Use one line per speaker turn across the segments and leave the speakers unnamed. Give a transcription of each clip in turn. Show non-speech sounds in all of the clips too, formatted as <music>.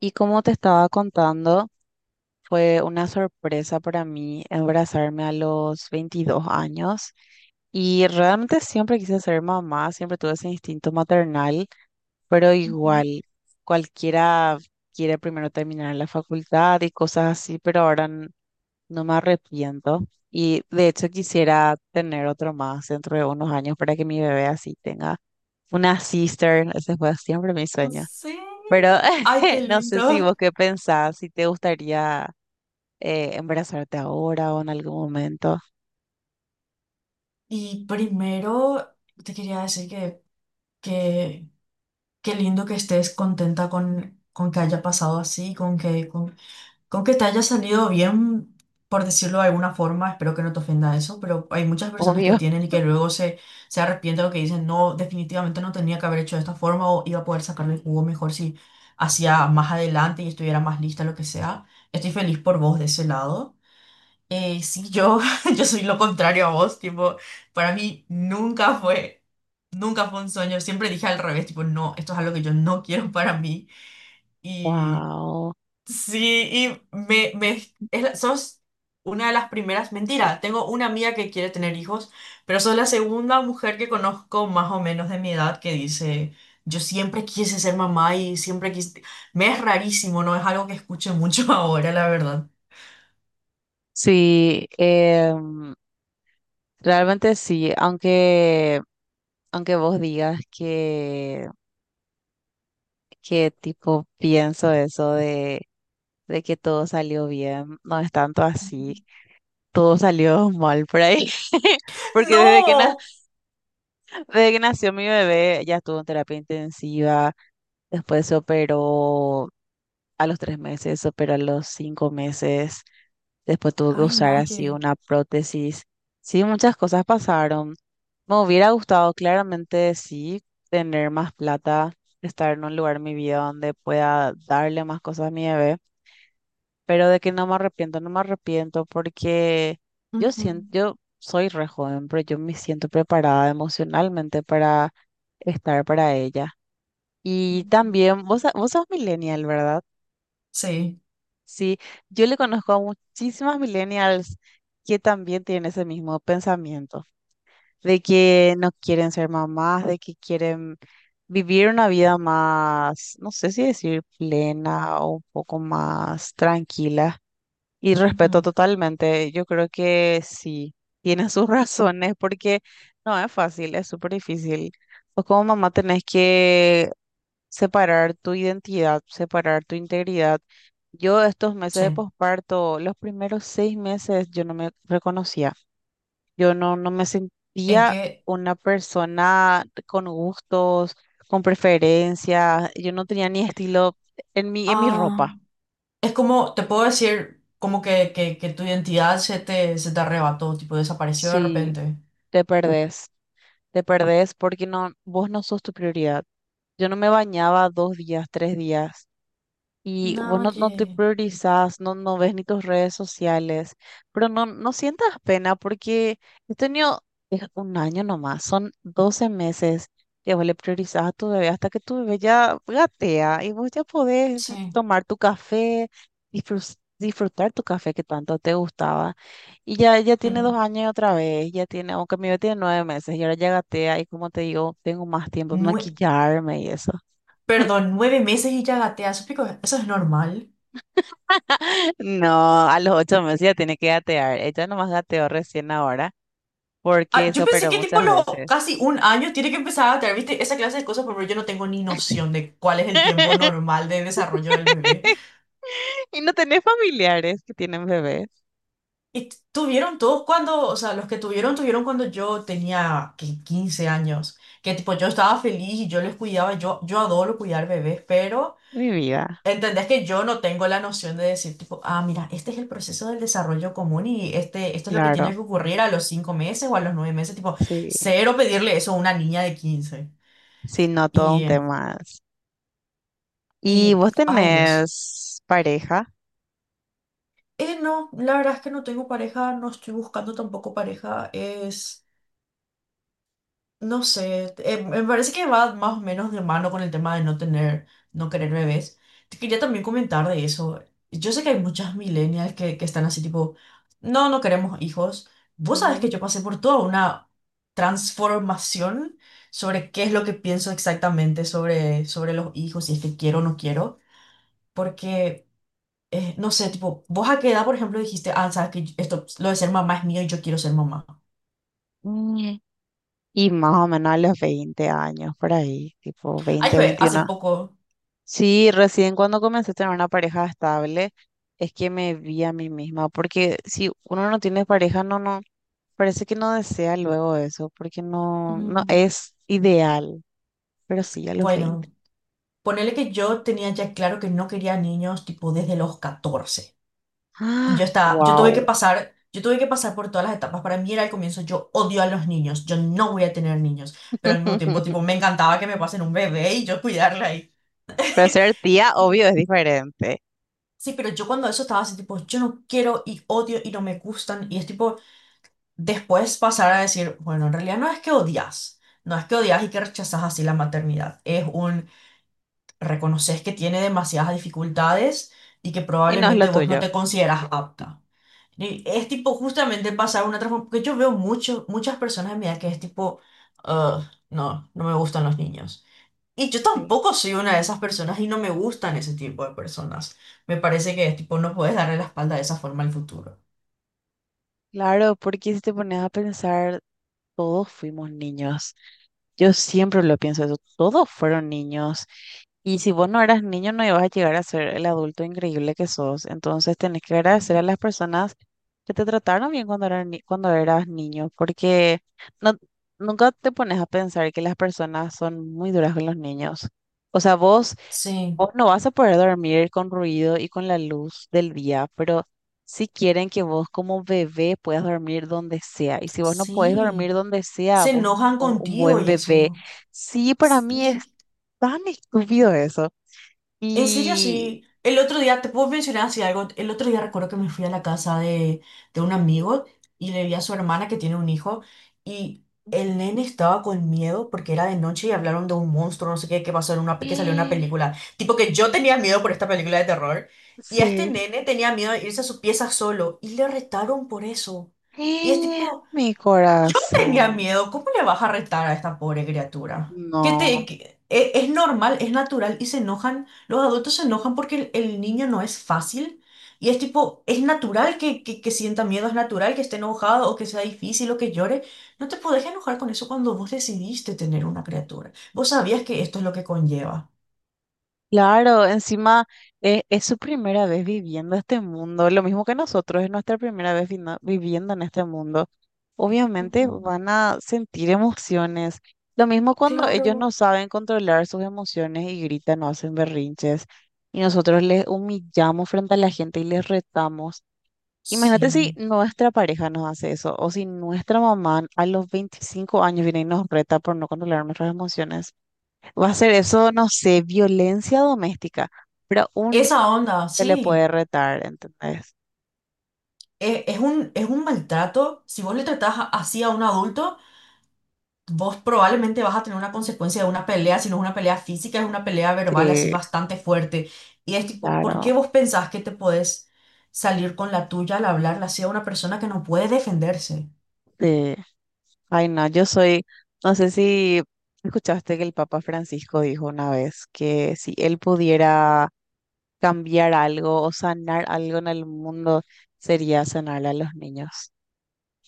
Y como te estaba contando, fue una sorpresa para mí embarazarme a los 22 años y realmente siempre quise ser mamá, siempre tuve ese instinto maternal, pero
Ujú.
igual cualquiera quiere primero terminar la facultad y cosas así, pero ahora no me arrepiento y de hecho quisiera tener otro más dentro de unos años para que mi bebé así tenga una sister, ese fue siempre mi sueño.
Sí.
Pero
Ay, qué
<laughs> no sé si
lindo.
vos qué pensás, si te gustaría embarazarte ahora o en algún momento.
Y primero te quería decir que qué lindo que estés contenta con que haya pasado así, con que te haya salido bien, por decirlo de alguna forma. Espero que no te ofenda eso, pero hay muchas personas que
Obvio.
tienen y que luego se arrepienten o que dicen, no, definitivamente no tenía que haber hecho de esta forma o iba a poder sacarle el jugo mejor si hacía más adelante y estuviera más lista, lo que sea. Estoy feliz por vos de ese lado. Sí, <laughs> yo soy lo contrario a vos, tipo, para mí nunca fue un sueño, siempre dije al revés, tipo, no, esto es algo que yo no quiero <laughs> para mí. Y
Wow.
sí, y es sos una de las primeras, mentira, tengo una amiga que quiere tener hijos, pero sos la segunda mujer que conozco más o menos de mi edad que dice, yo siempre quise ser mamá y siempre quise, me es rarísimo, no es algo que escuche mucho <laughs> ahora, la verdad.
Sí, realmente sí, aunque vos digas que tipo pienso eso de que todo salió bien, no es tanto así,
<laughs>
todo salió mal por ahí, <laughs> porque
No.
desde que nació mi bebé ya estuvo en terapia intensiva, después se operó a los 3 meses, se operó a los 5 meses, después tuvo que
Ay,
usar así
Naye.
una prótesis, sí, muchas cosas pasaron, me hubiera gustado claramente sí tener más plata, estar en un lugar en mi vida donde pueda darle más cosas a mi bebé, pero de que no me arrepiento, no me arrepiento porque yo
Ujú.
siento, yo soy re joven, pero yo me siento preparada emocionalmente para estar para ella. Y también, vos, vos sos millennial, ¿verdad?
Sí,
Sí, yo le conozco a muchísimas millennials que también tienen ese mismo pensamiento, de que no quieren ser mamás, de que quieren vivir una vida más, no sé si decir plena o un poco más tranquila, y respeto
ujú,
totalmente. Yo creo que sí, tiene sus <laughs> razones porque no es fácil, es súper difícil. Vos como mamá tenés que separar tu identidad, separar tu integridad. Yo estos meses de
sí.
posparto, los primeros 6 meses, yo no me reconocía. Yo no me
¿En
sentía
qué?
una persona con gustos, con preferencias. Yo no tenía ni estilo en mi
Ah,
ropa.
es como, te puedo decir, como que tu identidad se te arrebató, tipo, desapareció de
Sí,
repente.
te uf, perdés. Te perdés porque no, vos no sos tu prioridad. Yo no me bañaba 2 días, 3 días y vos no te
Naye.
priorizás, no ves ni tus redes sociales, pero no sientas pena porque este niño es un año nomás, son 12 meses que vos le priorizás a tu bebé hasta que tu bebé ya gatea y vos ya podés
Sí.
tomar tu café, disfrutar tu café que tanto te gustaba. Y ya, ya tiene dos
Ujú.
años otra vez, ya tiene, aunque mi bebé tiene 9 meses y ahora ya gatea y como te digo, tengo más tiempo de
Nue-
maquillarme y eso.
Perdón, 9 meses y ya gatea, eso, eso es normal.
No, a los 8 meses ya tiene que gatear. Ella nomás gateó recién ahora
Ah,
porque
yo
se
pensé
operó
que tipo
muchas
los
veces.
casi un año tiene que empezar a gatear, ¿viste? Esa clase de cosas, pero yo no tengo ni noción de cuál es el tiempo normal de desarrollo del bebé.
<laughs> Y no tenés familiares que tienen bebés.
Y tuvieron todos cuando, o sea, los que tuvieron, tuvieron cuando yo tenía que 15 años, que tipo yo estaba feliz y yo les cuidaba, yo adoro cuidar bebés, pero
Mi vida,
entendés que yo no tengo la noción de decir tipo, ah, mira, este es el proceso del desarrollo común y este, esto es lo que tiene
claro.
que ocurrir a los 5 meses o a los 9 meses, tipo,
Sí,
cero pedirle eso a una niña de 15.
sí, no todo un
Y,
tema. Es. ¿Y vos
Ay Dios.
tenés pareja?
No, la verdad es que no tengo pareja, no estoy buscando tampoco pareja, es... No sé, me parece que va más o menos de mano con el tema de no tener, no querer bebés. Te quería también comentar de eso. Yo sé que hay muchas millennials que están así tipo, no, no queremos hijos. Vos sabés que
Ujú.
yo pasé por toda una transformación sobre qué es lo que pienso exactamente sobre los hijos, si es que quiero o no quiero. Porque, no sé, tipo, vos a qué edad, por ejemplo, dijiste, ah, sabes que esto, lo de ser mamá es mío y yo quiero ser mamá.
Mm. Y más o menos a los 20 años, por ahí, tipo
Ay,
20,
fue hace
21.
poco.
Sí, recién cuando comencé a tener una pareja estable, es que me vi a mí misma, porque si uno no tiene pareja, no, no, parece que no desea luego eso, porque no
Mm.
es ideal, pero sí a los
Bueno.
veinte.
Ponele que yo tenía ya claro que no quería niños tipo desde los 14. Y
¡Ah!
yo estaba,
¡Wow!
yo tuve que pasar por todas las etapas. Para mí era al comienzo, yo odio a los niños, yo no voy a tener niños. Pero al mismo tiempo,
<laughs>
tipo, me encantaba que me pasen un bebé y yo cuidarla ahí.
Pero ser tía, obvio,
Y
es diferente,
sí, pero yo cuando eso estaba así, tipo, yo no quiero y odio y no me gustan. Y es tipo, después pasar a decir, bueno, en realidad no es que odias, no es que odias y que rechazas así la maternidad. Es un reconoces que tiene demasiadas dificultades y que
y no es lo
probablemente vos no
tuyo.
te consideras apta. Y es tipo justamente pasar una transformación, porque yo veo mucho, muchas personas de mi edad que es tipo, "Ugh, no, no me gustan los niños". Y yo
Sí.
tampoco soy una de esas personas y no me gustan ese tipo de personas. Me parece que tipo no puedes darle la espalda de esa forma al futuro.
Claro, porque si te pones a pensar, todos fuimos niños. Yo siempre lo pienso eso. Todos fueron niños. Y si vos no eras niño, no ibas a llegar a ser el adulto increíble que sos. Entonces tenés que agradecer a
Ujú.
las personas que te trataron bien cuando eras, cuando eras niño, porque no, nunca te pones a pensar que las personas son muy duras con los niños. O sea, vos...
Sí,
Vos no vas a poder dormir con ruido y con la luz del día, pero si quieren que vos como bebé puedas dormir donde sea. Y si vos no podés dormir
sí.
donde sea,
Se
vos no
enojan
sos un
contigo
buen
y
bebé.
eso.
Sí, para mí es
Sí.
tan estúpido eso.
En serio,
Y...
sí. El otro día, te puedo mencionar así algo. El otro día recuerdo que me fui a la casa de un amigo y le vi a su hermana que tiene un hijo y el nene estaba con miedo porque era de noche y hablaron de un monstruo, no sé qué, que pasó en una, que salió en una
y...
película. Tipo que yo tenía miedo por esta película de terror y a este
Sí.
nene tenía miedo de irse a su pieza solo y le retaron por eso. Y es
Y
tipo...
mi
Yo tenía
corazón.
miedo, ¿cómo le vas a retar a esta pobre criatura? Que te,
No.
que- e- Es normal, es natural y se enojan, los adultos se enojan porque el niño no es fácil y es tipo, es natural que sienta miedo, es natural que esté enojado o que sea difícil o que llore. No te podés enojar con eso cuando vos decidiste tener una criatura. Vos sabías que esto es lo que conlleva.
Claro, encima es, su primera vez viviendo este mundo, lo mismo que nosotros, es nuestra primera vez viviendo en este mundo. Obviamente
Ujú,
van a sentir emociones, lo mismo cuando ellos no
claro,
saben controlar sus emociones y gritan o hacen berrinches y nosotros les humillamos frente a la gente y les retamos. Imagínate si
sí.
nuestra pareja nos hace eso o si nuestra mamá a los 25 años viene y nos reta por no controlar nuestras emociones. Va a ser eso, no sé, violencia doméstica, pero un niño
Esa onda,
se le puede
sí.
retar, ¿entendés?
Es es un maltrato. Si vos le tratás así a un adulto, vos probablemente vas a tener una consecuencia de una pelea, si no es una pelea física, es una pelea verbal así
Sí,
bastante fuerte. Y es tipo, ¿por
claro,
qué vos pensás que te podés salir con la tuya al hablarla así a una persona que no puede defenderse?
sí. Ay, no, yo soy, no sé si escuchaste que el Papa Francisco dijo una vez que si él pudiera cambiar algo o sanar algo en el mundo, sería sanar a los niños,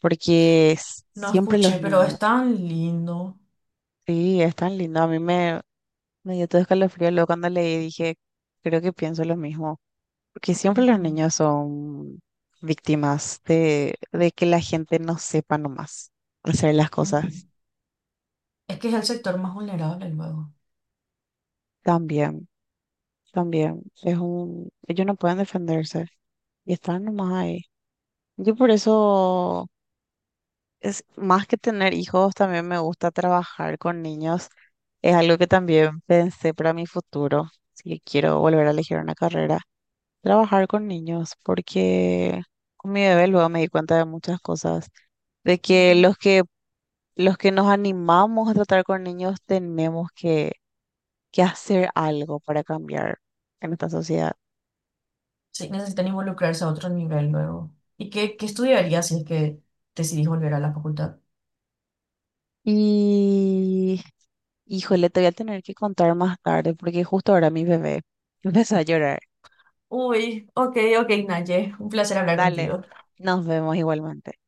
porque
No
siempre los
escuché, pero es
niños,
tan lindo.
sí, es tan lindo. A mí me, dio todo escalofrío luego cuando leí, dije, creo que pienso lo mismo. Porque siempre los
Ujú,
niños son víctimas de que la gente no sepa nomás hacer las
ujú.
cosas.
Es que es el sector más vulnerable luego.
También, también. Es un, ellos no pueden defenderse y están nomás ahí. Yo por eso, es, más que tener hijos, también me gusta trabajar con niños. Es algo que también pensé para mi futuro, si quiero volver a elegir una carrera, trabajar con niños, porque con mi bebé luego me di cuenta de muchas cosas de que
Ujú.
los que nos animamos a tratar con niños tenemos que hacer algo para cambiar en esta sociedad.
Sí, necesitan involucrarse a otro nivel luego. ¿Y qué estudiarías si es que decidís volver a la facultad?
Y, híjole, te voy a tener que contar más tarde porque justo ahora mi bebé <laughs> empezó a llorar.
Uy, ok, ok, Naye, un placer hablar
Dale,
contigo.
nos vemos igualmente.